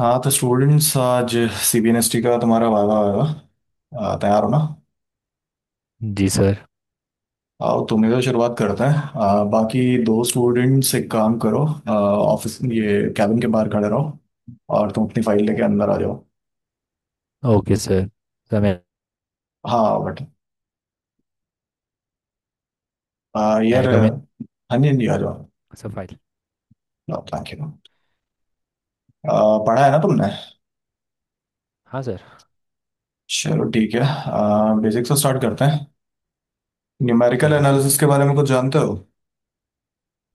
हाँ तो स्टूडेंट्स आज सीबीएनएसटी का तुम्हारा वाइवा आएगा। तैयार हो ना। जी सर। आओ तुम्हें तो शुरुआत करते हैं। बाकी दो स्टूडेंट्स एक काम करो, ऑफिस ये कैबिन के बाहर खड़े रहो और तुम अपनी फाइल लेके अंदर आ जाओ। Okay sir. सर मैं... हाँ बट यार कम इन। हाँ जी हाँ जी आ जाओ। Sir file. Thank you. पढ़ा है ना तुमने। हाँ सर। चलो ठीक है। बेसिक से स्टार्ट करते हैं। न्यूमेरिकल ठीक है सर। एनालिसिस के बारे में कुछ जानते हो।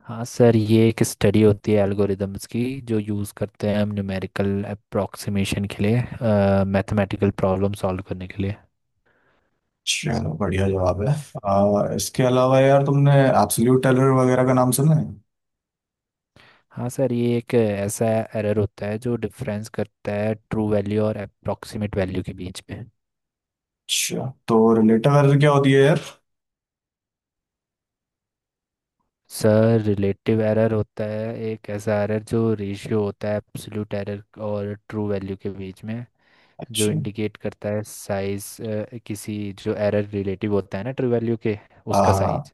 हाँ सर, ये एक स्टडी होती है एल्गोरिदम्स की जो यूज़ करते हैं हम न्यूमेरिकल अप्रोक्सीमेशन के लिए, मैथमेटिकल प्रॉब्लम सॉल्व करने के लिए। चलो बढ़िया जवाब है। इसके अलावा यार तुमने एब्सोल्यूट टेलर वगैरह का नाम सुना है। हाँ सर, ये एक ऐसा एरर होता है जो डिफरेंस करता है ट्रू वैल्यू और अप्रोक्सीमेट वैल्यू के बीच में। अच्छा तो रिलेटिव एरर क्या होती है यार। सर रिलेटिव एरर होता है एक ऐसा एरर जो रेशियो होता है एब्सोल्यूट एरर और ट्रू वैल्यू के बीच में, जो अच्छा। इंडिकेट करता है साइज किसी, जो एरर रिलेटिव होता है ना ट्रू वैल्यू के, उसका आ, साइज।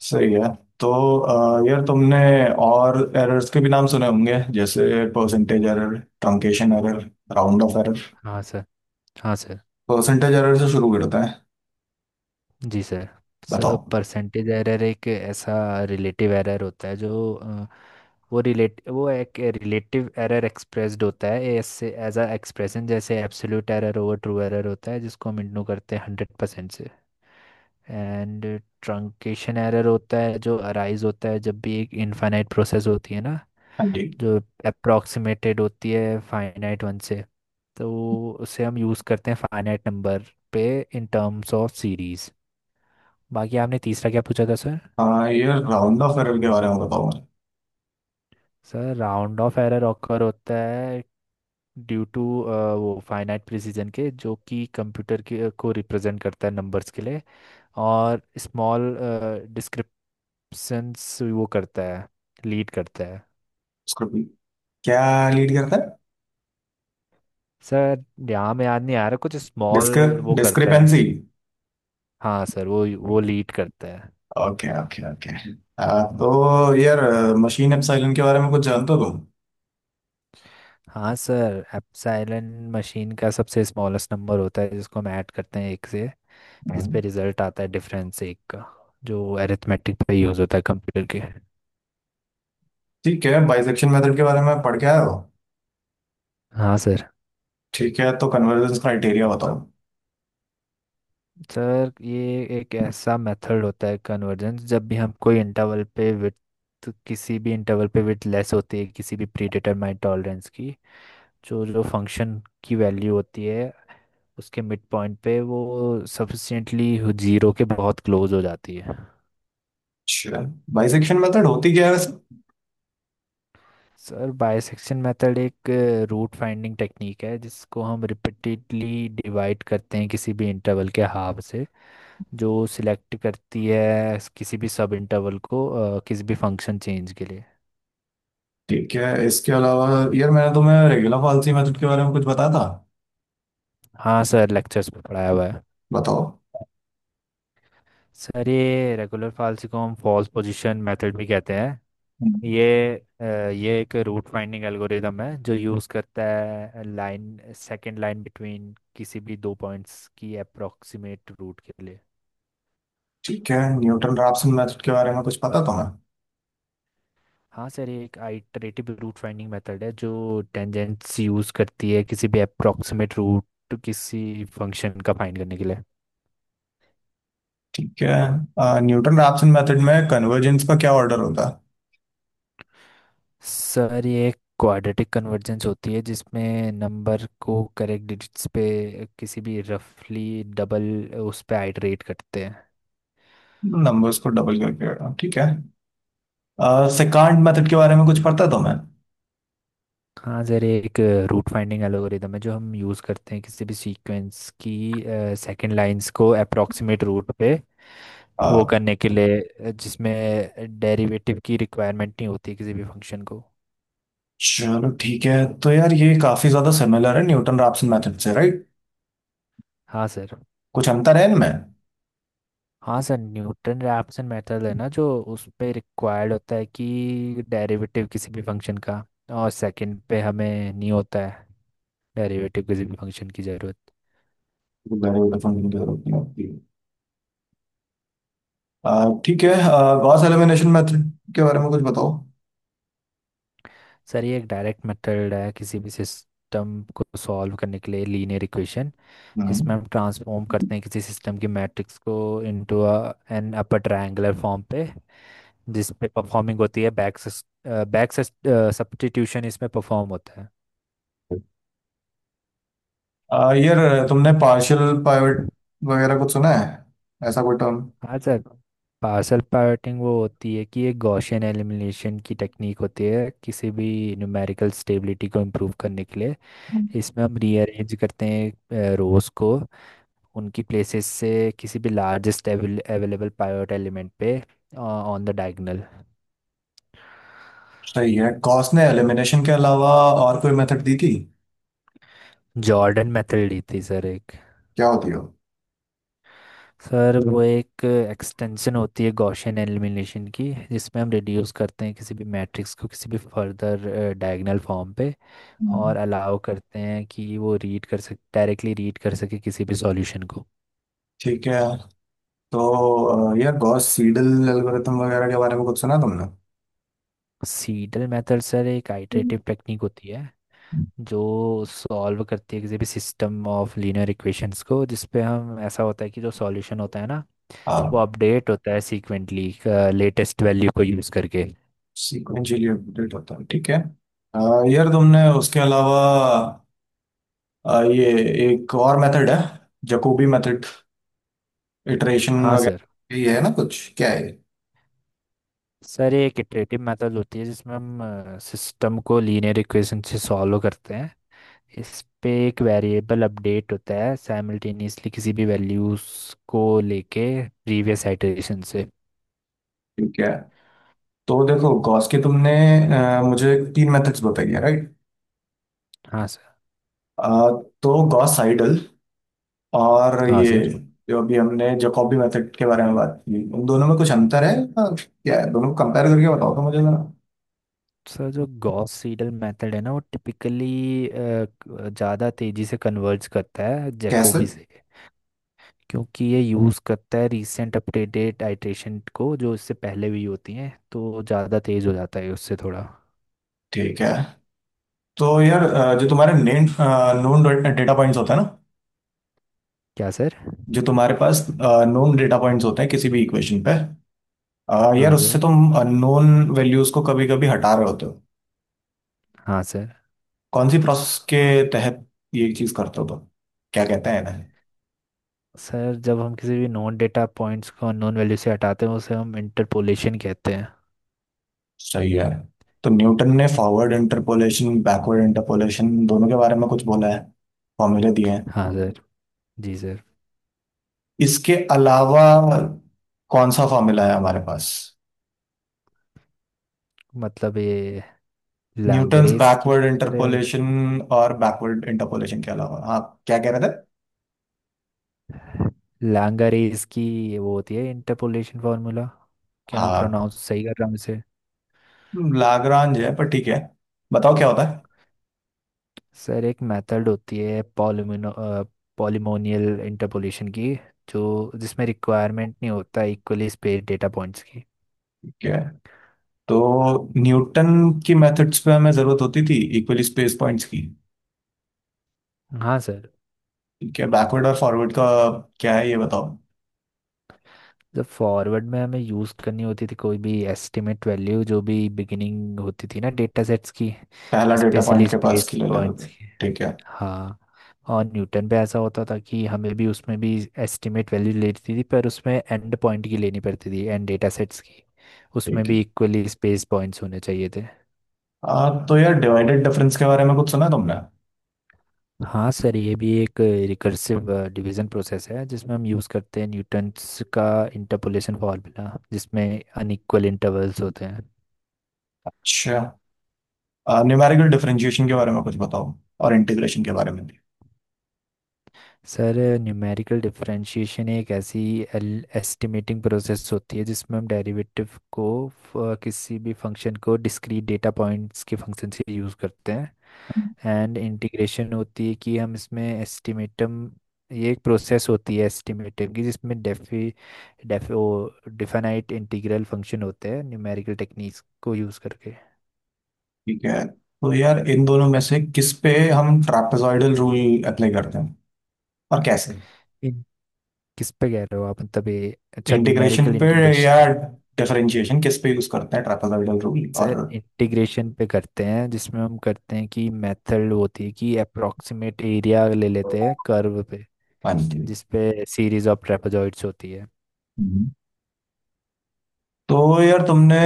सही है। तो यार तुमने और एरर्स के भी नाम सुने होंगे जैसे percentage error, truncation error, round off error. हाँ सर। हाँ सर। परसेंटेज एरर से शुरू करते हैं। जी सर। सर बताओ। परसेंटेज एरर एक ऐसा रिलेटिव एरर होता है जो वो एक रिलेटिव एरर एक्सप्रेस्ड होता है ऐसे एज अ एक्सप्रेशन, जैसे absolute error over true error होता है जिसको हम इंटू करते हैं 100% से। एंड ट्रंकेशन एरर होता है जो अराइज होता है जब भी एक इनफाइनाइट प्रोसेस होती है ना, हाँ जी। जो अप्रोक्सीमेटेड होती है फाइनाइट वन से। तो उसे हम यूज़ करते हैं फाइनाइट नंबर पे, इन टर्म्स ऑफ सीरीज। बाकी आपने तीसरा क्या पूछा था सर? हाँ यार राउंड ऑफ एरर के बारे में बताओ मुझे। Sir round off error occur होता है ड्यू टू वो फाइनाइट प्रिसीजन के, जो कि कंप्यूटर के को रिप्रेजेंट करता है नंबर्स के लिए, और स्मॉल डिस्क्रिप्शंस वो करता है, लीड करता है। उसको भी क्या लीड करता है। सर यहाँ में याद नहीं आ रहा, कुछ स्मॉल डिस्क। वो करता है। डिस्क्रिपेंसी। हाँ सर वो लीड करता है। Okay okay okay. तो यार मशीन एप्सिलॉन के बारे में कुछ जानते हो तुम। हाँ सर एप्सिलॉन मशीन का सबसे स्मॉलेस्ट नंबर होता है जिसको हम ऐड करते हैं एक से, जिस हम्म। पे रिजल्ट आता है डिफरेंस एक का, जो अरिथमेटिक पे यूज़ होता है कंप्यूटर के। ठीक है बाइसेक्शन मेथड के बारे में पढ़ के आए हो। हाँ सर। ठीक है तो कन्वर्जेंस क्राइटेरिया बताओ। सर ये एक ऐसा मेथड होता है कन्वर्जेंस, जब भी हम कोई इंटरवल पे विड्थ, किसी भी इंटरवल पे विड्थ लेस होती है किसी भी प्रीडिटरमाइंड टॉलरेंस की, जो जो फंक्शन की वैल्यू होती है उसके मिड पॉइंट पे, वो सफिशिएंटली जीरो के बहुत क्लोज हो जाती है। अच्छा बाइसेक्शन मेथड होती क्या है वैसे। सर बाइसेक्शन मेथड एक रूट फाइंडिंग टेक्निक है जिसको हम रिपीटेडली डिवाइड करते हैं किसी भी इंटरवल के हाफ से, जो सिलेक्ट करती है किसी भी सब इंटरवल को किसी भी फंक्शन चेंज के लिए। ठीक है इसके अलावा यार मैंने तुम्हें रेगुलर फॉल्सी मेथड के बारे में कुछ बताया था। हाँ सर, लेक्चर्स में पढ़ाया हुआ है। बताओ। सर ये रेगुलर फाल्स को हम फॉल्स पोजीशन मेथड भी कहते हैं। हम्म। ये ये एक रूट फाइंडिंग एल्गोरिदम है जो यूज़ करता है लाइन सेकंड लाइन बिटवीन किसी भी दो पॉइंट्स की अप्रोक्सीमेट रूट के लिए। ठीक है न्यूटन रैप्सन मेथड के बारे में कुछ पता तुम्हें। हाँ सर ये एक आइटरेटिव रूट फाइंडिंग मेथड है जो टेंजेंट्स यूज़ करती है किसी भी अप्रोक्सीमेट रूट किसी फंक्शन का फाइंड करने के लिए। ठीक है। न्यूटन रैप्सन मेथड में कन्वर्जेंस का क्या ऑर्डर होता सर ये एक क्वाड्रेटिक कन्वर्जेंस होती है जिसमें नंबर को करेक्ट डिजिट्स पे किसी भी रफली डबल उस पे आइटरेट करते हैं। है। नंबर्स को डबल करके ठीक है। सेकंड मेथड के बारे में कुछ पता है तुम्हें। हाँ सर ये एक रूट फाइंडिंग एल्गोरिदम है जो हम यूज़ करते हैं किसी भी सीक्वेंस की सेकंड लाइंस को अप्रोक्सीमेट रूट पे अ, वो करने के लिए, जिसमें डेरिवेटिव की रिक्वायरमेंट नहीं होती किसी भी फंक्शन को। चलो ठीक है। तो यार ये काफी ज्यादा सिमिलर है न्यूटन रैप्सन मेथड से राइट। हाँ सर। कुछ अंतर है इनमें। हाँ सर न्यूटन रैप्सन मेथड है ना जो उस पे रिक्वायर्ड होता है कि डेरिवेटिव किसी भी फंक्शन का, और सेकंड पे हमें नहीं होता है डेरिवेटिव किसी भी फंक्शन की ज़रूरत। गहरे वाले फंक्शन की जरूरत नहीं होती। ठीक है। गॉस एलिमिनेशन मेथड के बारे में कुछ बताओ। सर ये एक डायरेक्ट मेथड है किसी भी सिस्टम को सॉल्व करने के लिए लीनियर इक्वेशन। हम्म। इसमें हम ट्रांसफॉर्म करते हैं किसी सिस्टम की मैट्रिक्स को into an upper triangular form पे, जिस पे परफॉर्मिंग होती है बैक बैक सब्स्टिट्यूशन, इसमें परफॉर्म होता है। यार तुमने पार्शियल पाइवट वगैरह कुछ सुना है ऐसा कोई टर्म। हाँ सर पार्सल पार्टिंग वो होती है कि एक गॉसियन एलिमिनेशन की टेक्निक होती है किसी भी न्यूमेरिकल स्टेबिलिटी को इम्प्रूव करने के लिए। इसमें हम रीअरेंज करते हैं रोज को उनकी प्लेसेस से, किसी भी लार्जेस्ट अवेलेबल पाइवट एलिमेंट पे ऑन द डायगोनल। सही है गॉस ने एलिमिनेशन के अलावा और कोई मेथड दी थी। जॉर्डन मेथड ली थी सर एक। क्या होती हो। सर वो एक एक्सटेंशन होती है गॉसियन एलिमिनेशन की, जिसमें हम रिड्यूस करते हैं किसी भी मैट्रिक्स को किसी भी फर्दर डायगोनल फॉर्म पे, हम्म। और अलाउ करते हैं कि वो रीड कर सक डायरेक्टली रीड कर सके किसी भी सॉल्यूशन को। ठीक है तो यार गॉस सीडल एल्गोरिथम वगैरह के बारे में कुछ सुना तुमने। सीडल मेथड सर एक हम्म। आइटरेटिव टेक्निक होती है जो सॉल्व करती है किसी भी सिस्टम ऑफ लीनियर इक्वेशंस को, जिसपे हम, ऐसा होता है कि जो सॉल्यूशन होता है ना, वो हाँ। अपडेट होता है सीक्वेंटली, लेटेस्ट वैल्यू को यूज़ करके। सीक्वेंशियली अपडेट होता है ठीक है। अ, यार तुमने उसके अलावा ये एक और मेथड है, जकोबी मेथड इटरेशन हाँ सर। वगैरह, ये है ना कुछ क्या है। सर ये एक इटरेटिव मेथड होती है जिसमें हम सिस्टम को लीनियर इक्वेशन से सॉल्व करते हैं। इस पे एक वेरिएबल अपडेट होता है साइमल्टेनियसली, किसी भी वैल्यूज को लेके प्रीवियस आइटरेशन से। ठीक है तो देखो गॉस के तुमने मुझे तीन मेथड्स बताई है राइट। हाँ सर। तो गॉस साइडल और हाँ ये सर। जो अभी हमने जकॉबी मेथड के बारे में बात की, उन दोनों में कुछ अंतर है या क्या है, दोनों को कंपेयर करके बताओ तो मुझे जरा। सर जो गॉस सीडल मेथड है ना, वो टिपिकली ज़्यादा तेजी से कन्वर्ज करता है कैसे। जैकोबी से। क्योंकि ये यूज़ करता है रीसेंट अपडेटेड आइटरेशन को जो इससे पहले भी होती हैं, तो ज़्यादा तेज़ हो जाता है उससे थोड़ा। ठीक है तो यार जो तुम्हारे नेम नोन डेटा पॉइंट्स होते हैं ना, क्या सर? जो तुम्हारे पास नोन डेटा पॉइंट्स होते हैं किसी भी इक्वेशन पे, यार हाँ उससे सर। तुम नोन वैल्यूज को कभी कभी हटा रहे होते हो, हाँ सर। कौन सी प्रोसेस के तहत ये चीज करते हो तुम, क्या कहते हैं ना? सर जब हम किसी भी नॉन डेटा पॉइंट्स को अननोन वैल्यू से हटाते हैं, उसे हम इंटरपोलेशन कहते हैं। सही है। तो न्यूटन ने फॉरवर्ड इंटरपोलेशन बैकवर्ड इंटरपोलेशन दोनों के बारे में कुछ बोला है, फॉर्मूले दिए हैं। हाँ सर। जी सर। इसके अलावा कौन सा फॉर्मूला है हमारे पास। मतलब ये न्यूटन्स लैंगरेज की बैकवर्ड बात कर रहे हो आप? इंटरपोलेशन और बैकवर्ड इंटरपोलेशन के अलावा हाँ क्या कह रहे थे। लैंगरेज की वो होती है इंटरपोलेशन फार्मूला। क्या मैं हाँ प्रोनाउंस सही कर रहा हूँ इसे? लाग्रांज है पर ठीक है। बताओ क्या होता है। सर एक मेथड होती है पॉलिमिनो पॉलिमोनियल इंटरपोलेशन की, जो जिसमें रिक्वायरमेंट नहीं होता इक्वली स्पेस डेटा पॉइंट्स की। ठीक है तो न्यूटन की मेथड्स पे हमें जरूरत होती थी इक्वली स्पेस पॉइंट्स की। हाँ सर। ठीक है बैकवर्ड और फॉरवर्ड का क्या है ये बताओ। जब फॉरवर्ड में हमें यूज़ करनी होती थी कोई भी एस्टिमेट वैल्यू, जो भी बिगिनिंग होती थी ना डेटा सेट्स की, पहला डेटा पॉइंट स्पेशली के पास स्पेस किलो लेते पॉइंट्स थे। की। ठीक है। हाँ। और न्यूटन पे ऐसा होता था कि हमें भी, उसमें भी एस्टिमेट वैल्यू लेती थी, पर उसमें एंड पॉइंट की लेनी पड़ती थी एंड डेटा सेट्स की। उसमें ठीक है। भी इक्वली स्पेस पॉइंट्स होने चाहिए थे। तो यार डिवाइडेड डिफरेंस के बारे में कुछ सुना है तुमने। हाँ सर ये भी एक रिकर्सिव डिवीजन प्रोसेस है जिसमें हम यूज़ करते हैं न्यूटन्स का इंटरपोलेशन फॉर्मूला, जिसमें अनइक्वल इंटरवल्स होते हैं। अच्छा न्यूमेरिकल डिफरेंशिएशन के बारे में कुछ बताओ और इंटीग्रेशन के बारे में भी। सर न्यूमेरिकल डिफरेंशिएशन एक ऐसी एस्टिमेटिंग प्रोसेस होती है जिसमें हम डेरिवेटिव को किसी भी फंक्शन को डिस्क्रीट डेटा पॉइंट्स के फंक्शन से यूज़ करते हैं। एंड इंटीग्रेशन होती है कि हम इसमें एस्टिमेटम ये एक प्रोसेस होती है एस्टिमेटिव की, जिसमें डेफी डेफ ओ डिफाइनाइट इंटीग्रल फंक्शन होते हैं न्यूमेरिकल टेक्निक्स को यूज़ करके। ठीक है तो यार इन दोनों में से किस पे हम ट्रापेजॉइडल रूल अप्लाई करते हैं और कैसे। इन- किस पे कह रहे हो आप? मतलब ये, अच्छा, न्यूमेरिकल इंटीग्रेशन पे या इंटीग्रेशन। डिफरेंशिएशन किस पे यूज करते हैं ट्रापेजॉइडल रूल और। सर इंटीग्रेशन पे करते हैं जिसमें हम करते हैं कि मेथड होती है कि अप्रोक्सीमेट एरिया ले लेते हैं कर्व पे, हाँ जी। जिस पे सीरीज ऑफ ट्रेपेजॉइड्स होती है। हम्म। तो यार तुमने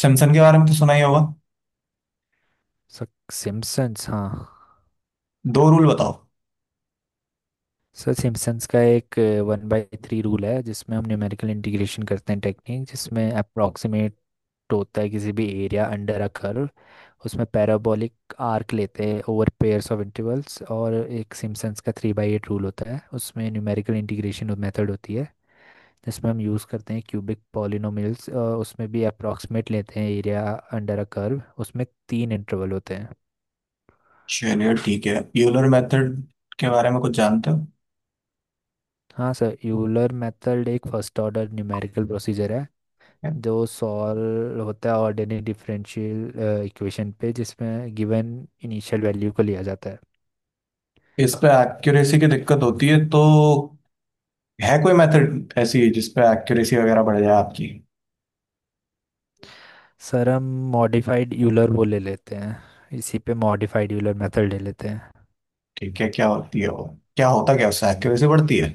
सिम्पसन के बारे में तो सुना ही होगा। सर सिम्पसन्स, हाँ। दो रूल बताओ। सर सिम्पसन्स का एक 1/3 रूल है जिसमें हम न्यूमेरिकल इंटीग्रेशन करते हैं, टेक्निक जिसमें अप्रोक्सीमेट होता है किसी भी एरिया अंडर अ कर्व, उसमें पैराबोलिक आर्क लेते हैं ओवर पेयर्स ऑफ इंटरवल्स। और एक सिम्पसन्स का 3/8 रूल होता है, उसमें न्यूमेरिकल इंटीग्रेशन मेथड होती है जिसमें हम यूज़ करते हैं क्यूबिक पॉलिनोमियल्स, उसमें भी अप्रॉक्सीमेट लेते हैं एरिया अंडर अ कर्व, उसमें तीन इंटरवल होते हैं। चलिए ठीक है यूलर मेथड के बारे में कुछ जानते हो। हाँ सर यूलर मेथड एक फर्स्ट ऑर्डर न्यूमेरिकल प्रोसीजर है जो सॉल्व होता है ऑर्डिनरी डिफरेंशियल इक्वेशन पे, जिसमें गिवन इनिशियल वैल्यू को लिया जाता है। इस पे एक्यूरेसी की दिक्कत होती है तो है कोई मेथड ऐसी जिस पे एक्यूरेसी वगैरह बढ़ जाए आपकी। सर हम मॉडिफाइड यूलर वो ले लेते हैं, इसी पे मॉडिफाइड यूलर मेथड ले लेते हैं। ठीक है क्या होती है वो। क्या होता क्या उससे एक्यूरेसी बढ़ती है।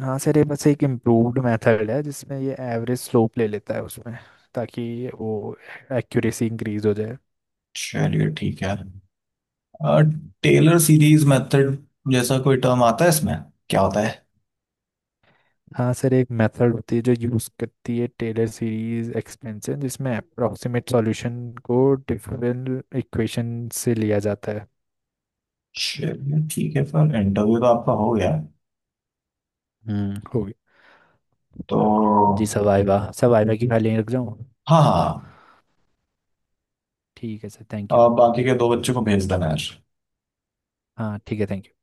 हाँ सर, ये बस एक इम्प्रूव्ड मेथड है जिसमें ये एवरेज स्लोप ले लेता है उसमें, ताकि वो एक्यूरेसी इंक्रीज हो जाए। चलिए ठीक है। और टेलर सीरीज मेथड जैसा कोई टर्म आता है इसमें, क्या होता है। हाँ सर एक मेथड होती है जो यूज़ करती है टेलर सीरीज एक्सपेंशन, जिसमें अप्रोक्सीमेट सॉल्यूशन को डिफरेंट इक्वेशन से लिया जाता है। चलिए ठीक है सर इंटरव्यू तो आपका हो गया है। हम्म, हो गया। तो जी सवाइवा सवाइवा की फाइलें रख जाऊँ? हाँ हाँ ठीक है सर, थैंक यू। अब बाकी के दो बच्चों को भेज देना यार। हाँ ठीक है, थैंक यू।